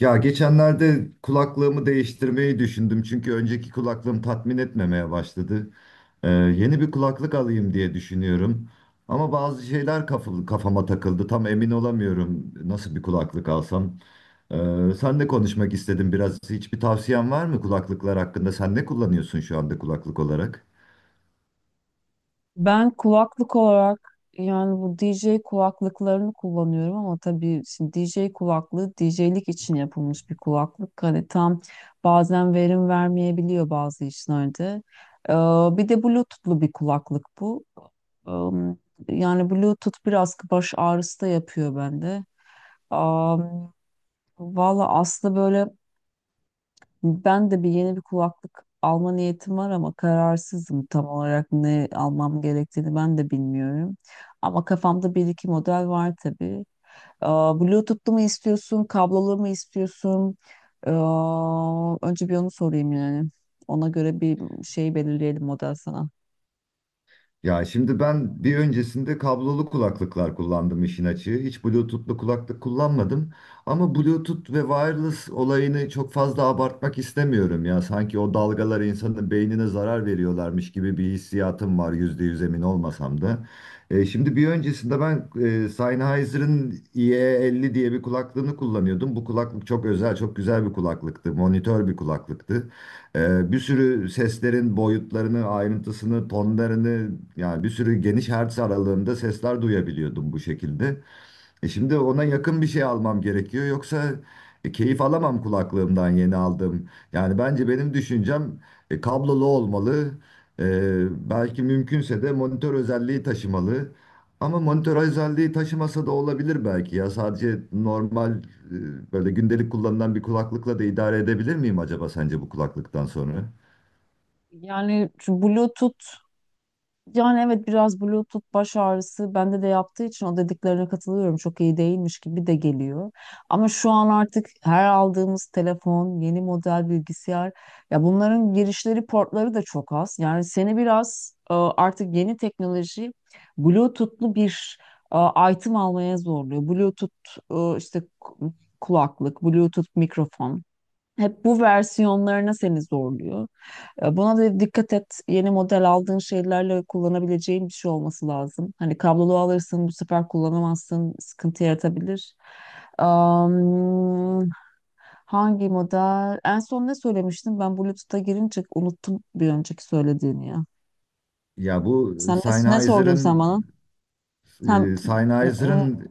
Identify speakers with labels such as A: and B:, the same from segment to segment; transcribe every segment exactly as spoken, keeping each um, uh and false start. A: Ya geçenlerde kulaklığımı değiştirmeyi düşündüm çünkü önceki kulaklığım tatmin etmemeye başladı. Ee, yeni bir kulaklık alayım diye düşünüyorum. Ama bazı şeyler kafı- kafama takıldı. Tam emin olamıyorum nasıl bir kulaklık alsam. Ee, sen de konuşmak istedim biraz. Hiçbir tavsiyen var mı kulaklıklar hakkında? Sen ne kullanıyorsun şu anda kulaklık olarak?
B: Ben kulaklık olarak yani bu D J kulaklıklarını kullanıyorum ama tabii şimdi D J kulaklığı D J'lik için yapılmış bir kulaklık. Hani tam bazen verim vermeyebiliyor bazı işlerde. Ee, Bir de Bluetooth'lu bir kulaklık bu. Am, Yani Bluetooth biraz baş ağrısı da yapıyor bende. Am, Valla aslında böyle ben de bir yeni bir kulaklık alma niyetim var ama kararsızım tam olarak ne almam gerektiğini ben de bilmiyorum. Ama kafamda bir iki model var tabii. Aa, Bluetooth'lu mu istiyorsun, kablolu mu istiyorsun? Aa, önce bir onu sorayım yani. Ona göre bir şey belirleyelim model sana.
A: Ya şimdi ben bir öncesinde kablolu kulaklıklar kullandım işin açığı. Hiç Bluetooth'lu kulaklık kullanmadım. Ama Bluetooth ve wireless olayını çok fazla abartmak istemiyorum ya. Sanki o dalgalar insanın beynine zarar veriyorlarmış gibi bir hissiyatım var yüzde yüz emin olmasam da. E, şimdi bir öncesinde ben e, Sennheiser'ın I E elli diye bir kulaklığını kullanıyordum. Bu kulaklık çok özel, çok güzel bir kulaklıktı. Monitör bir kulaklıktı. Ee, bir sürü seslerin boyutlarını, ayrıntısını, tonlarını yani bir sürü geniş hertz aralığında sesler duyabiliyordum bu şekilde. E şimdi ona yakın bir şey almam gerekiyor. Yoksa e, keyif alamam kulaklığımdan yeni aldım. Yani bence benim düşüncem e, kablolu olmalı. E, belki mümkünse de monitör özelliği taşımalı. Ama monitör özelliği taşımasa da olabilir belki ya. Sadece normal e, böyle gündelik kullanılan bir kulaklıkla da idare edebilir miyim acaba sence bu kulaklıktan sonra?
B: Yani şu Bluetooth Yani evet biraz Bluetooth baş ağrısı bende de yaptığı için o dediklerine katılıyorum. Çok iyi değilmiş gibi de geliyor. Ama şu an artık her aldığımız telefon, yeni model bilgisayar, ya bunların girişleri portları da çok az. Yani seni biraz e, artık yeni teknoloji Bluetooth'lu bir e, item almaya zorluyor. Bluetooth, e, işte ku- kulaklık, Bluetooth mikrofon. Hep bu versiyonlarına seni zorluyor. E, Buna da dikkat et. Yeni model aldığın şeylerle kullanabileceğin bir şey olması lazım. Hani kablolu alırsın bu sefer kullanamazsın. Sıkıntı yaratabilir. Am, Hangi model? En son ne söylemiştim? Ben Bluetooth'a girince unuttum bir önceki söylediğini ya.
A: Ya bu
B: Sen ne, ne sordun sen
A: Sennheiser'ın
B: bana? Sen,
A: e, Sennheiser'ın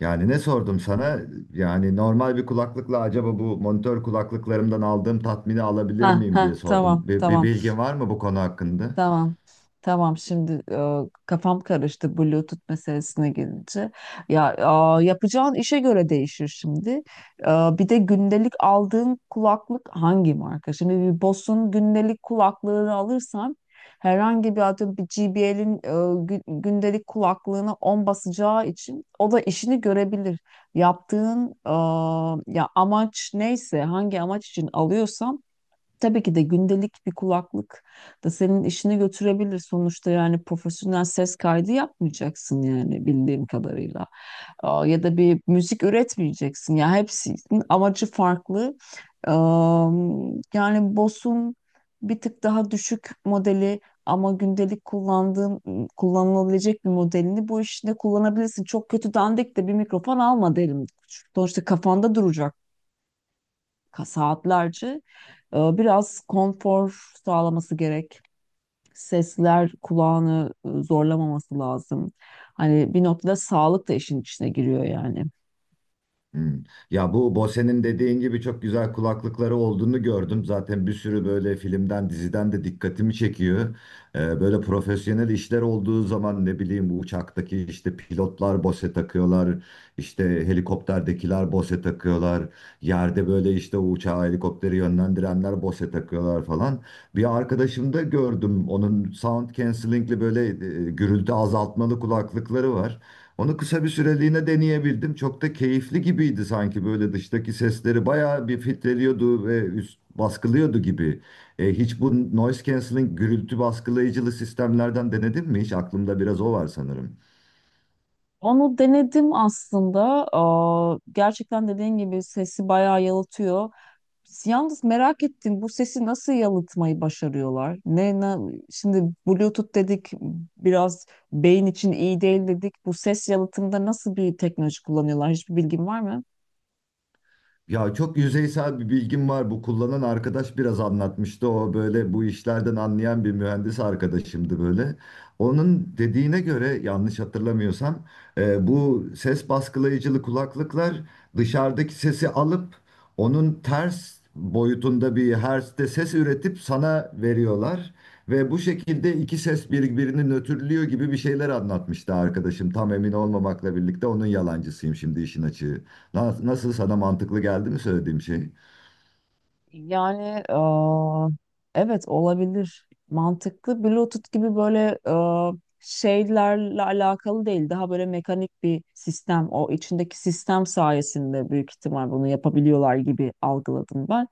A: Yani ne sordum sana? Yani normal bir kulaklıkla acaba bu monitör kulaklıklarımdan aldığım tatmini alabilir
B: ha,
A: miyim diye
B: ha, tamam
A: sordum. Bir, bir
B: tamam.
A: bilgin var mı bu konu hakkında?
B: Tamam. Tamam şimdi, e, kafam karıştı Bluetooth meselesine gelince. Ya e, yapacağın işe göre değişir şimdi. E, bir de gündelik aldığın kulaklık hangi marka? Şimdi bir Bose'un gündelik kulaklığını alırsan herhangi bir, atıyorum, bir J B L'in gündelik kulaklığına on basacağı için o da işini görebilir. Yaptığın e, ya amaç neyse, hangi amaç için alıyorsan, tabii ki de gündelik bir kulaklık da senin işini götürebilir. Sonuçta yani profesyonel ses kaydı yapmayacaksın yani bildiğim kadarıyla. Aa, Ya da bir müzik üretmeyeceksin. Ya hepsinin amacı farklı. Am, Yani Bose'un bir tık daha düşük modeli ama gündelik kullandığın kullanılabilecek bir modelini bu işte kullanabilirsin. Çok kötü dandik de bir mikrofon alma derim. Sonuçta kafanda duracak, ka- saatlerce e, biraz konfor sağlaması gerek. Sesler kulağını e, zorlamaması lazım. Hani bir noktada sağlık da işin içine giriyor yani.
A: Hmm. Ya bu Bose'nin dediğin gibi çok güzel kulaklıkları olduğunu gördüm. Zaten bir sürü böyle filmden, diziden de dikkatimi çekiyor. Ee, böyle profesyonel işler olduğu zaman ne bileyim bu uçaktaki işte pilotlar Bose takıyorlar. İşte helikopterdekiler Bose takıyorlar. Yerde böyle işte o uçağı helikopteri yönlendirenler Bose takıyorlar falan. Bir arkadaşımda gördüm onun sound cancelling'li böyle e, gürültü azaltmalı kulaklıkları var. Onu kısa bir süreliğine deneyebildim. Çok da keyifli gibiydi sanki böyle dıştaki sesleri bayağı bir filtreliyordu ve üst baskılıyordu gibi. E, hiç bu noise cancelling gürültü baskılayıcılı sistemlerden denedin mi? Hiç aklımda biraz o var sanırım.
B: Onu denedim aslında. Aa, gerçekten dediğin gibi sesi bayağı yalıtıyor. Yalnız merak ettim, bu sesi nasıl yalıtmayı başarıyorlar? Ne, ne şimdi, Bluetooth dedik biraz beyin için iyi değil dedik. Bu ses yalıtımında nasıl bir teknoloji kullanıyorlar? Hiçbir bilgin var mı?
A: Ya çok yüzeysel bir bilgim var. Bu kullanan arkadaş biraz anlatmıştı. O böyle bu işlerden anlayan bir mühendis arkadaşımdı böyle. Onun dediğine göre yanlış hatırlamıyorsam e, bu ses baskılayıcılı kulaklıklar dışarıdaki sesi alıp onun ters boyutunda bir hertzte ses üretip sana veriyorlar. Ve bu şekilde iki ses birbirini nötrlüyor gibi bir şeyler anlatmıştı arkadaşım. Tam emin olmamakla birlikte onun yalancısıyım şimdi işin açığı. Na- Nasıl sana mantıklı geldi mi söylediğim şey?
B: Yani eee, evet, olabilir. Mantıklı. Bluetooth gibi böyle eee, şeylerle alakalı değil. Daha böyle mekanik bir sistem. O içindeki sistem sayesinde büyük ihtimal bunu yapabiliyorlar gibi algıladım ben.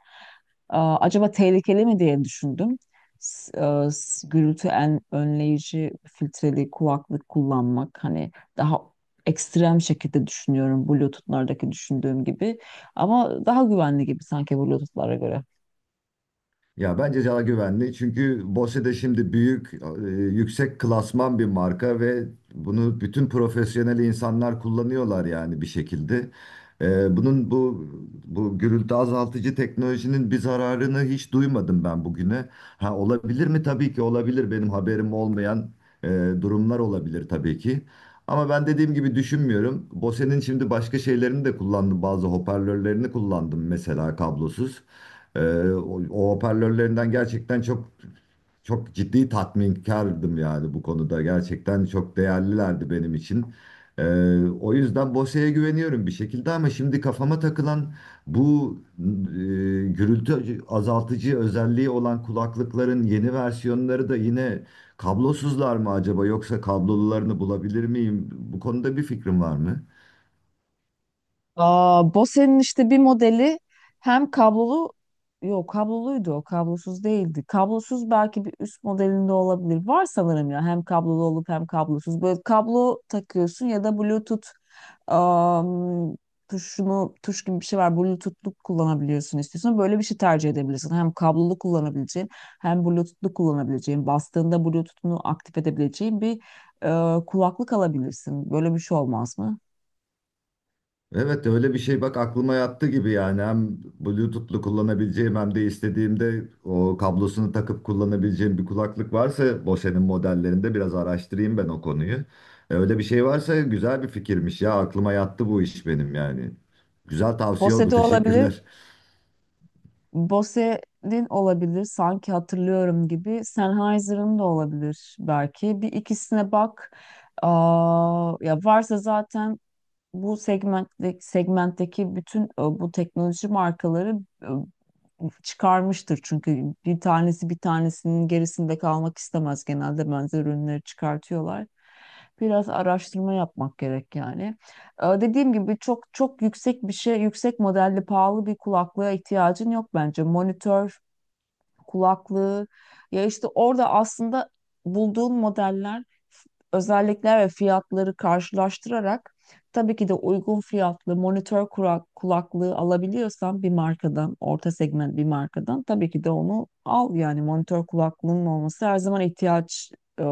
B: Eee, acaba tehlikeli mi diye düşündüm. S- eee, s- gürültü en önleyici filtreli kulaklık kullanmak hani daha ekstrem şekilde düşünüyorum Bluetooth'lardaki düşündüğüm gibi. Ama daha güvenli gibi sanki Bluetooth'lara göre.
A: Ya bence daha güvenli. Çünkü Bose de şimdi büyük, e, yüksek klasman bir marka ve bunu bütün profesyonel insanlar kullanıyorlar yani bir şekilde. E, bunun bu bu gürültü azaltıcı teknolojinin bir zararını hiç duymadım ben bugüne. Ha olabilir mi? Tabii ki olabilir. Benim haberim olmayan e, durumlar olabilir tabii ki. Ama ben dediğim gibi düşünmüyorum. Bose'nin şimdi başka şeylerini de kullandım. Bazı hoparlörlerini kullandım mesela kablosuz. Ee, o, o hoparlörlerinden gerçekten çok çok ciddi tatminkardım yani bu konuda. Gerçekten çok değerlilerdi benim için. Ee, O yüzden Bose'ye güveniyorum bir şekilde ama şimdi kafama takılan bu e, gürültü azaltıcı özelliği olan kulaklıkların yeni versiyonları da yine kablosuzlar mı acaba yoksa kablolularını bulabilir miyim? Bu konuda bir fikrim var mı?
B: Aa, Bose'nin işte bir modeli, hem kablolu, yok kabloluydu o, kablosuz değildi. Kablosuz belki bir üst modelinde olabilir. Var sanırım ya, hem kablolu olup hem kablosuz. Böyle kablo takıyorsun ya da Bluetooth, am, tuşunu, tuş gibi bir şey var. Bluetooth'lu kullanabiliyorsun, istiyorsan böyle bir şey tercih edebilirsin. Hem kablolu kullanabileceğin hem Bluetooth'lu kullanabileceğin, bastığında Bluetooth'unu aktif edebileceğin bir e, kulaklık alabilirsin. Böyle bir şey olmaz mı?
A: Evet öyle bir şey bak aklıma yattı gibi yani hem Bluetooth'lu kullanabileceğim hem de istediğimde o kablosunu takıp kullanabileceğim bir kulaklık varsa Bose'nin modellerinde biraz araştırayım ben o konuyu. E, Öyle bir şey varsa güzel bir fikirmiş ya aklıma yattı bu iş benim yani. Güzel tavsiye
B: Bose
A: oldu
B: de olabilir.
A: teşekkürler.
B: Bose'nin olabilir. Sanki hatırlıyorum gibi. Sennheiser'ın da olabilir belki. Bir ikisine bak. Aa, ya varsa zaten bu segmentte, segmentteki bütün e, bu teknoloji markaları e, çıkarmıştır, çünkü bir tanesi bir tanesinin gerisinde kalmak istemez, genelde benzer ürünleri çıkartıyorlar. Biraz araştırma yapmak gerek yani. Ee, Dediğim gibi çok çok yüksek bir şey, yüksek modelli pahalı bir kulaklığa ihtiyacın yok bence. Monitör kulaklığı. Ya işte orada aslında bulduğun modeller, f- özellikler ve fiyatları karşılaştırarak, tabii ki de uygun fiyatlı monitör kura- kulaklığı alabiliyorsan bir markadan, orta segment bir markadan, tabii ki de onu al. Yani monitör kulaklığının olması her zaman ihtiyaç e,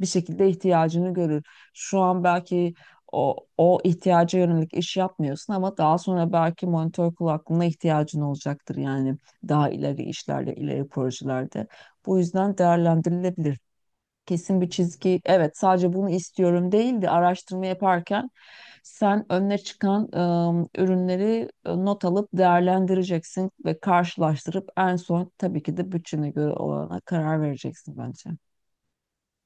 B: bir şekilde ihtiyacını görür. Şu an belki o, o ihtiyaca yönelik iş yapmıyorsun ama daha sonra belki monitör kulaklığına ihtiyacın olacaktır yani daha ileri işlerle ileri projelerde. Bu yüzden değerlendirilebilir. Kesin bir çizgi, evet sadece bunu istiyorum değil de, araştırma yaparken sen önüne çıkan ım, ürünleri e, not alıp değerlendireceksin ve karşılaştırıp en son tabii ki de bütçene göre olana karar vereceksin bence.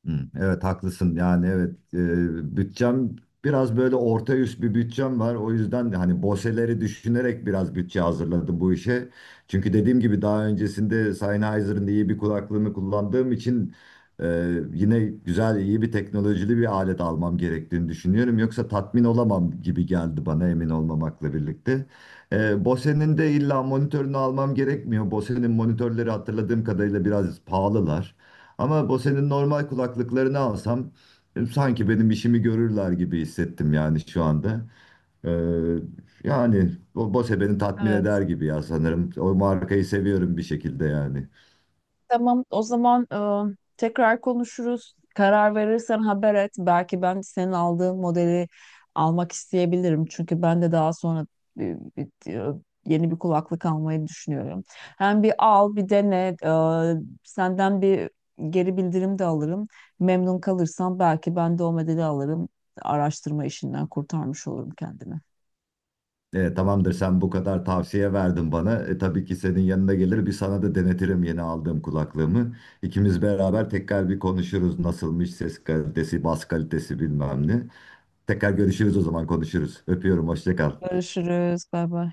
A: Hı, Evet haklısın yani evet e, bütçem biraz böyle orta üst bir bütçem var o yüzden de hani Bose'leri düşünerek biraz bütçe hazırladım bu işe. Çünkü dediğim gibi daha öncesinde Sennheiser'ın iyi bir kulaklığını kullandığım için e, yine güzel iyi bir teknolojili bir alet almam gerektiğini düşünüyorum. Yoksa tatmin olamam gibi geldi bana emin olmamakla birlikte. E, Bose'nin de illa monitörünü almam gerekmiyor. Bose'nin monitörleri hatırladığım kadarıyla biraz pahalılar. Ama bu senin normal kulaklıklarını alsam e, sanki benim işimi görürler gibi hissettim yani şu anda. Ee, Yani o Bose beni tatmin eder
B: Evet.
A: gibi ya sanırım. O markayı seviyorum bir şekilde yani.
B: Tamam, o zaman e, tekrar konuşuruz. Karar verirsen haber et. Belki ben senin aldığın modeli almak isteyebilirim. Çünkü ben de daha sonra e, bir- e, yeni bir kulaklık almayı düşünüyorum. Hem bir al, bir dene. E, senden bir geri bildirim de alırım. Memnun kalırsam belki ben de o modeli alırım. Araştırma işinden kurtarmış olurum kendimi.
A: E, tamamdır sen bu kadar tavsiye verdin bana. E, tabii ki senin yanına gelir bir sana da denetirim yeni aldığım kulaklığımı. İkimiz beraber tekrar bir konuşuruz nasılmış ses kalitesi, bas kalitesi bilmem ne. Tekrar görüşürüz o zaman konuşuruz. Öpüyorum hoşça kal.
B: Görüşürüz. Bay bay.